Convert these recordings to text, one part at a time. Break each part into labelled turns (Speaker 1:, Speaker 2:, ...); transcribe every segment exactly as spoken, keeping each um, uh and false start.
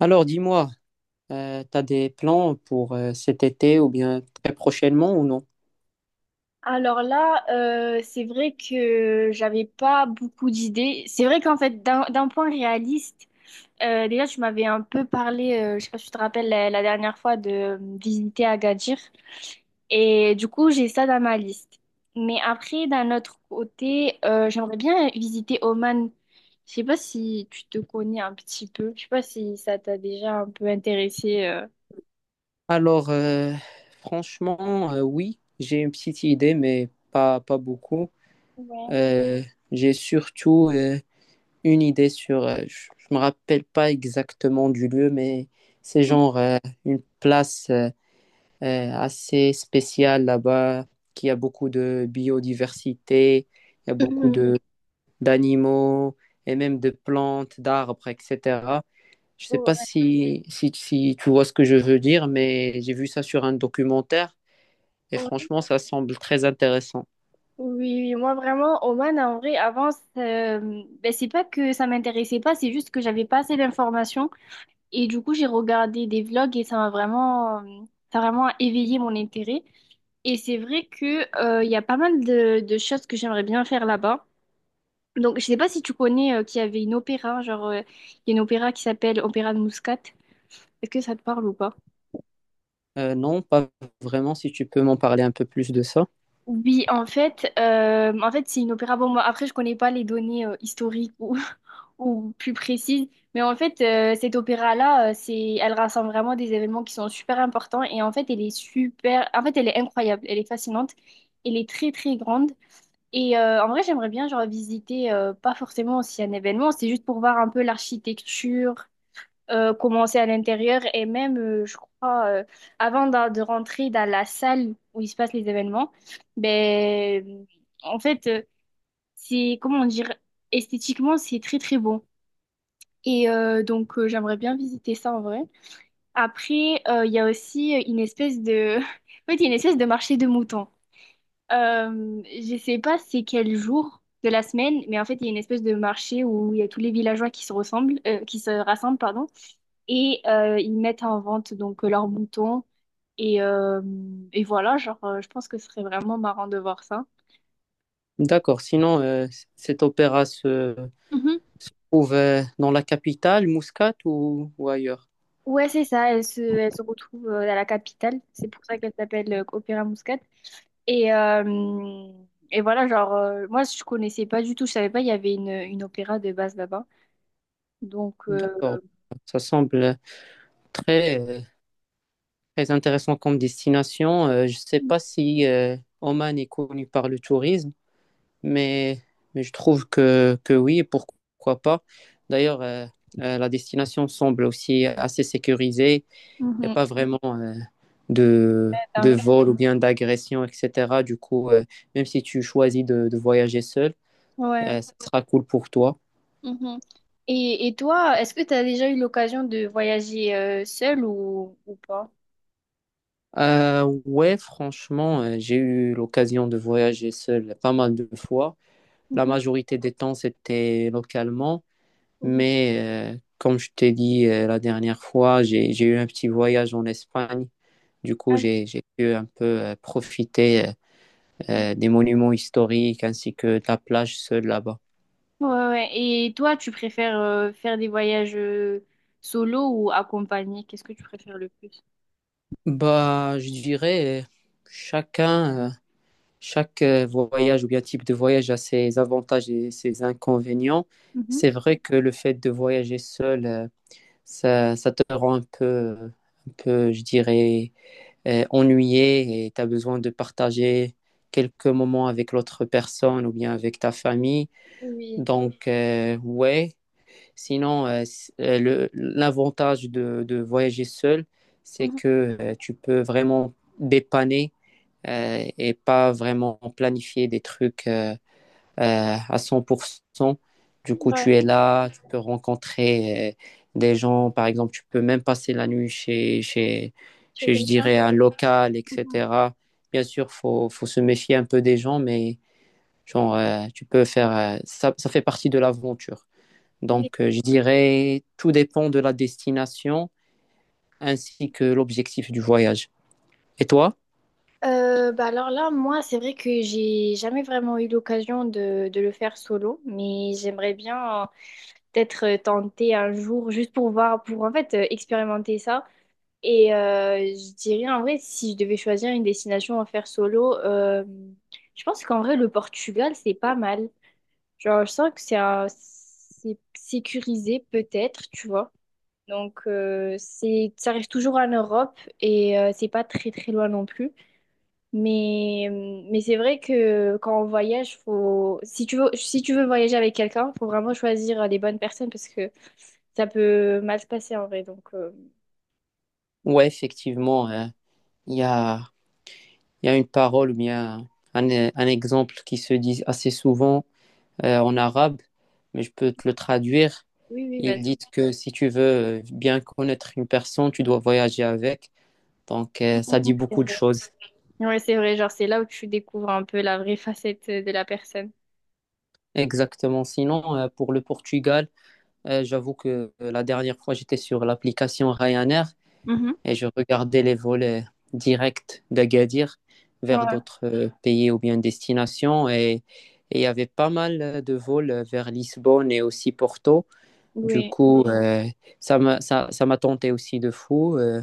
Speaker 1: Alors, dis-moi, euh, t'as des plans pour euh, cet été ou bien très prochainement ou non?
Speaker 2: Alors là, euh, c'est vrai que j'avais pas beaucoup d'idées. C'est vrai qu'en fait, d'un d'un point réaliste, euh, déjà tu m'avais un peu parlé, euh, je sais pas si tu te rappelles la, la dernière fois de euh, visiter Agadir. Et du coup, j'ai ça dans ma liste. Mais après, d'un autre côté, euh, j'aimerais bien visiter Oman. Je sais pas si tu te connais un petit peu. Je sais pas si ça t'a déjà un peu intéressé. euh.
Speaker 1: Alors, euh, franchement, euh, oui, j'ai une petite idée, mais pas, pas beaucoup.
Speaker 2: Ouais.
Speaker 1: Euh, j'ai surtout euh, une idée sur, euh, je ne me rappelle pas exactement du lieu, mais c'est genre euh, une place euh, euh, assez spéciale là-bas, qui a beaucoup de biodiversité, il y a beaucoup de d'animaux et même de plantes, d'arbres, et cetera. Je sais pas
Speaker 2: Ouais.
Speaker 1: si, si, si tu vois ce que je veux dire, mais j'ai vu ça sur un documentaire et franchement, ça semble très intéressant.
Speaker 2: Oui, oui, moi vraiment, Oman, en vrai, avant, c'est- ben, c'est pas que ça m'intéressait pas, c'est juste que j'avais pas assez d'informations. Et du coup, j'ai regardé des vlogs et ça m'a vraiment, euh, ça a vraiment éveillé mon intérêt. Et c'est vrai que, euh, il y a pas mal de, de choses que j'aimerais bien faire là-bas. Donc, je sais pas si tu connais, euh, qu'il y avait une opéra, genre, euh, il y a une opéra qui s'appelle Opéra de Muscat. Est-ce que ça te parle ou pas?
Speaker 1: Euh, non, pas vraiment, si tu peux m'en parler un peu plus de ça.
Speaker 2: Oui, en fait, euh, en fait, c'est une opéra. Bon, moi, après, je connais pas les données, euh, historiques ou ou plus précise. Mais en fait, euh, cette opéra-là, euh, c'est, elle rassemble vraiment des événements qui sont super importants. Et en fait, elle est super. En fait, elle est incroyable. Elle est fascinante. Elle est très, très grande. Et euh, en vrai, j'aimerais bien, genre, visiter, euh, pas forcément aussi un événement, c'est juste pour voir un peu l'architecture, euh, comment c'est à l'intérieur. Et même, euh, je crois, euh, avant d'a- de, rentrer dans la salle où il se passe les événements, ben, en fait, euh, c'est, comment dire, esthétiquement, c'est très, très beau. Et euh, donc, euh, j'aimerais bien visiter ça en vrai. Après, euh, il y a aussi euh, une espèce de... En fait, il y a une espèce de marché de moutons. Euh, je sais pas c'est quel jour de la semaine, mais en fait, il y a une espèce de marché où il y a tous les villageois qui se ressemblent, euh, qui se rassemblent, pardon, et euh, ils mettent en vente donc euh, leurs moutons. Et, euh, et voilà, genre, euh, je pense que ce serait vraiment marrant de voir ça.
Speaker 1: D'accord, sinon, euh, c- cet opéra se,
Speaker 2: Mhm.
Speaker 1: se trouve euh, dans la capitale, Muscat ou, ou ailleurs?
Speaker 2: Ouais, c'est ça, elle se, elle se retrouve euh, à la capitale. C'est pour ça qu'elle s'appelle euh, Opéra Muscat. Et, euh, et voilà, genre, euh, moi, je connaissais pas du tout, je savais pas, il y avait une, une opéra de base là-bas. Donc, euh,
Speaker 1: D'accord, ça semble très, euh, très intéressant comme destination. Euh, je sais pas si euh, Oman est connu par le tourisme. Mais, mais je trouve que, que oui, pourquoi pas. D'ailleurs, euh, euh, la destination semble aussi assez sécurisée. Il n'y a
Speaker 2: mhm.
Speaker 1: pas vraiment euh, de, de vol ou bien d'agression, et cetera. Du coup, euh, même si tu choisis de, de voyager seul,
Speaker 2: Ouais.
Speaker 1: euh, ça sera cool pour toi.
Speaker 2: Mhm. Et, et toi, est-ce que tu as déjà eu l'occasion de voyager euh, seule ou, ou pas?
Speaker 1: Euh, ouais, franchement, euh, j'ai eu l'occasion de voyager seul pas mal de fois. La
Speaker 2: Mhm.
Speaker 1: majorité des temps, c'était localement.
Speaker 2: Oui.
Speaker 1: Mais euh, comme je t'ai dit euh, la dernière fois, j'ai, j'ai eu un petit voyage en Espagne. Du coup,
Speaker 2: Ah
Speaker 1: j'ai, j'ai pu un peu euh, profiter euh,
Speaker 2: oui.
Speaker 1: euh, des monuments historiques ainsi que de la plage seule là-bas.
Speaker 2: Ouais, ouais. Et toi, tu préfères euh, faire des voyages euh, solo ou accompagnés? Qu'est-ce que tu préfères le plus?
Speaker 1: Bah, je dirais, euh, chacun, euh, chaque euh, voyage ou bien type de voyage a ses avantages et ses inconvénients.
Speaker 2: Mhm.
Speaker 1: C'est vrai que le fait de voyager seul, euh, ça, ça te rend un peu, un peu, je dirais, euh, ennuyé et tu as besoin de partager quelques moments avec l'autre personne ou bien avec ta famille.
Speaker 2: Oui.
Speaker 1: Donc, euh, ouais. Sinon, euh, c- euh, le- l'avantage de, de voyager seul, c'est
Speaker 2: Mhm.
Speaker 1: que euh, tu peux vraiment dépanner euh, et pas vraiment planifier des trucs. Euh, euh, à cent pour cent. Du coup,
Speaker 2: Ouais.
Speaker 1: tu es là, tu peux rencontrer euh, des gens, par exemple, tu peux même passer la nuit chez, chez,
Speaker 2: Tu es
Speaker 1: chez je
Speaker 2: quelqu'un?
Speaker 1: dirais, un local,
Speaker 2: Mhm.
Speaker 1: et cetera. Bien sûr, faut, faut se méfier un peu des gens, mais genre, euh, tu peux faire, euh, ça, ça fait partie de l'aventure.
Speaker 2: Oui.
Speaker 1: Donc, euh, je dirais, tout dépend de la destination ainsi que l'objectif du voyage. Et toi?
Speaker 2: Euh, bah alors là, moi, c'est vrai que j'ai jamais vraiment eu l'occasion de, de le faire solo, mais j'aimerais bien euh, peut-être tenter un jour juste pour voir, pour en fait euh, expérimenter ça. Et euh, je dirais en vrai, si je devais choisir une destination à faire solo, euh, je pense qu'en vrai, le Portugal, c'est pas mal. Genre, je sens que c'est un- c'est sécurisé peut-être, tu vois. Donc, euh, c'est, ça reste toujours en Europe et euh, c'est pas très très loin non plus. Mais, mais c'est vrai que quand on voyage, faut, si tu veux, si tu veux voyager avec quelqu'un, faut vraiment choisir euh, les bonnes personnes parce que ça peut mal se passer en vrai. Donc, euh,
Speaker 1: Ouais, effectivement, euh, il y a, il y a une parole ou bien un, un exemple qui se dit assez souvent euh, en arabe, mais je peux te le traduire.
Speaker 2: oui, oui,
Speaker 1: Ils disent
Speaker 2: vas-y.
Speaker 1: que si tu veux bien connaître une personne, tu dois voyager avec. Donc, euh, ça dit
Speaker 2: Mhm. C'est
Speaker 1: beaucoup de
Speaker 2: vrai.
Speaker 1: choses.
Speaker 2: Ouais, c'est vrai. Genre, c'est là où tu découvres un peu la vraie facette de la personne.
Speaker 1: Exactement. Sinon, euh, pour le Portugal, euh, j'avoue que euh, la dernière fois, j'étais sur l'application Ryanair
Speaker 2: Mhm.
Speaker 1: et je regardais les vols directs d'Agadir vers
Speaker 2: Ouais.
Speaker 1: d'autres euh, pays ou bien destinations et il y avait pas mal de vols vers Lisbonne et aussi Porto. Du
Speaker 2: Oui.
Speaker 1: coup, euh, ça m'a ça, ça m'a tenté aussi de fou, euh,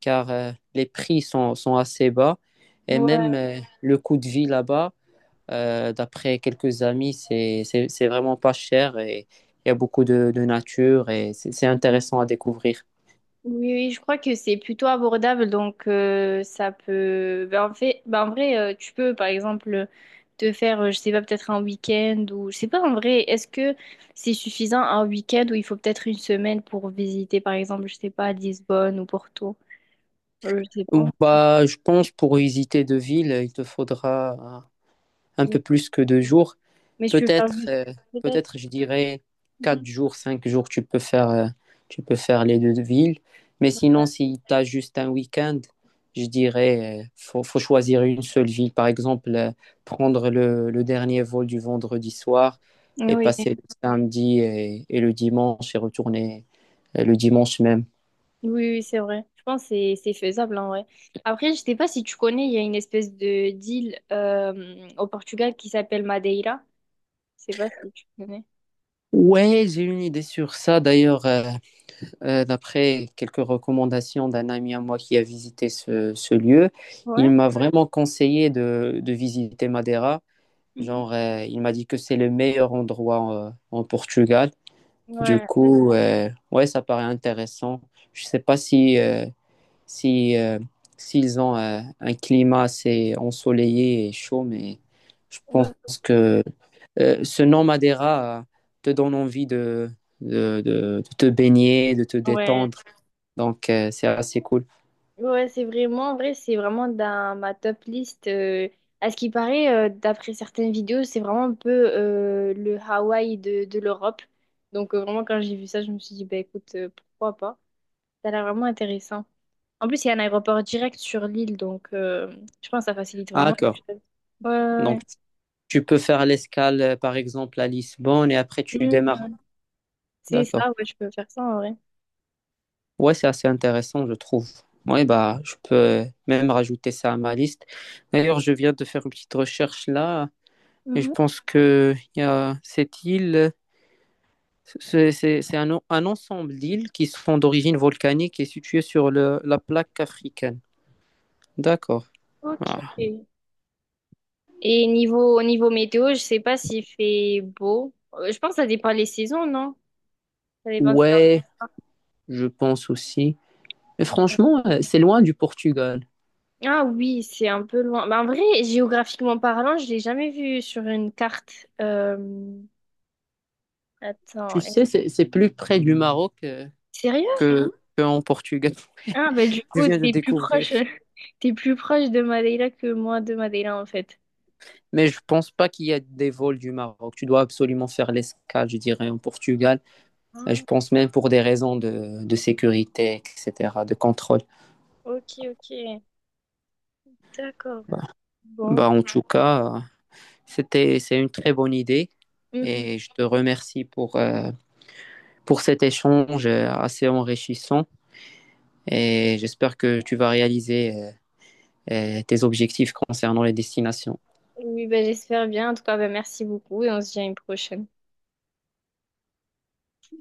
Speaker 1: car euh, les prix sont, sont assez bas. Et
Speaker 2: Ouais.
Speaker 1: même euh, le coût de vie là-bas, euh, d'après quelques amis, c'est, c'est, c'est vraiment pas cher et il y a beaucoup de, de nature et c'est c'est intéressant à découvrir.
Speaker 2: Oui, oui, je crois que c'est plutôt abordable, donc euh, ça peut. Ben, en fait, ben, en vrai, euh, tu peux par exemple te faire, euh, je sais pas, peut-être un week-end ou je sais pas en vrai, est-ce que c'est suffisant un week-end ou il faut peut-être une semaine pour visiter par exemple, je sais pas, Lisbonne ou Porto, Euh, je sais pas.
Speaker 1: Ou bah, je pense pour visiter deux villes, il te faudra euh, un
Speaker 2: Oui.
Speaker 1: peu plus que deux jours.
Speaker 2: Mais je peux faire
Speaker 1: Peut-être,
Speaker 2: juste
Speaker 1: euh,
Speaker 2: peut-être.
Speaker 1: peut-être, je dirais
Speaker 2: Mhm.
Speaker 1: quatre jours, cinq jours, tu peux faire, euh, tu peux faire les deux villes. Mais sinon, si tu as juste un week-end, je dirais, euh, faut, faut choisir une seule ville. Par exemple, euh, prendre le, le dernier vol du vendredi soir et
Speaker 2: Oui, oui,
Speaker 1: passer le samedi et, et le dimanche et retourner euh, le dimanche même.
Speaker 2: oui, c'est vrai. Je pense que c'est c'est faisable en vrai. Après, je sais pas si tu connais, il y a une espèce de d'île euh, au Portugal qui s'appelle Madeira. Je sais pas si tu connais.
Speaker 1: Ouais, j'ai une idée sur ça d'ailleurs. euh, Euh, d'après quelques recommandations d'un ami à moi qui a visité ce, ce lieu, il
Speaker 2: Ouais.
Speaker 1: m'a vraiment conseillé de, de visiter Madeira.
Speaker 2: Mhm.
Speaker 1: Genre, euh, il m'a dit que c'est le meilleur endroit euh, en Portugal. Du
Speaker 2: Ouais,
Speaker 1: coup, euh, ouais, ça paraît intéressant. Je sais pas si, euh, si, euh, s'ils ont euh, un climat assez ensoleillé et chaud, mais je pense
Speaker 2: ouais,
Speaker 1: que euh, ce nom Madeira euh, te donne envie de, de, de de te baigner, de te
Speaker 2: ouais,
Speaker 1: détendre. Donc, euh, c'est assez cool.
Speaker 2: ouais, c'est vraiment en vrai, c'est vraiment dans ma top list. Euh, à ce qui paraît, euh, d'après certaines vidéos, c'est vraiment un peu euh, le Hawaï de, de l'Europe. Donc, euh, vraiment, quand j'ai vu ça, je me suis dit, bah écoute, euh, pourquoi pas? Ça a l'air vraiment intéressant. En plus, il y a un aéroport direct sur l'île, donc euh, je pense que ça facilite
Speaker 1: Ah,
Speaker 2: vraiment les
Speaker 1: d'accord.
Speaker 2: choses. Ouais,
Speaker 1: Donc,
Speaker 2: ouais,
Speaker 1: tu peux faire l'escale, euh, par exemple, à Lisbonne et après tu
Speaker 2: ouais. Mhm,
Speaker 1: démarres.
Speaker 2: ouais. C'est ça,
Speaker 1: D'accord.
Speaker 2: ouais, je peux faire ça en vrai.
Speaker 1: Ouais, c'est assez intéressant, je trouve. Ouais, bah, je peux euh, même rajouter ça à ma liste. D'ailleurs, je viens de faire une petite recherche là et je
Speaker 2: Mhm.
Speaker 1: pense que il y a cette île, c'est c'est- c'est un, en- un ensemble d'îles qui sont d'origine volcanique et situées sur le- la plaque africaine. D'accord.
Speaker 2: Ok.
Speaker 1: Ah.
Speaker 2: Et niveau, au niveau météo, je sais pas s'il fait beau. Euh, Je pense que ça dépend les saisons, non? Ça dépend, c'est comme-
Speaker 1: Ouais, je pense aussi. Mais franchement, euh, c'est loin du Portugal.
Speaker 2: ah oui, c'est un peu loin. Bah, en vrai, géographiquement parlant, je l'ai jamais vu sur une carte. Euh, Attends,
Speaker 1: Tu
Speaker 2: eh,
Speaker 1: sais, c'est, c'est plus près du Maroc euh,
Speaker 2: sérieux?
Speaker 1: que, que en Portugal.
Speaker 2: Ah bah du
Speaker 1: Je
Speaker 2: coup,
Speaker 1: viens de
Speaker 2: t'es plus
Speaker 1: découvrir.
Speaker 2: proche, t'es plus proche de Madeira que moi de Madeira en fait.
Speaker 1: Mais je pense pas qu'il y a des vols du Maroc. Tu dois absolument faire l'escale, je dirais, en Portugal. Euh,
Speaker 2: Ah,
Speaker 1: Je pense même pour des raisons de, de sécurité, et cetera, de contrôle.
Speaker 2: ok, ok, d'accord.
Speaker 1: Bah,
Speaker 2: Bon,
Speaker 1: bah, en tout cas, euh, c'était, c'est une très bonne idée.
Speaker 2: mhm.
Speaker 1: Et je te remercie pour, euh, pour cet échange euh, assez enrichissant. Et j'espère que tu vas réaliser euh, euh, tes objectifs concernant les destinations.
Speaker 2: Oui, bah, j'espère bien. En tout cas, bah, merci beaucoup et on se dit à une prochaine.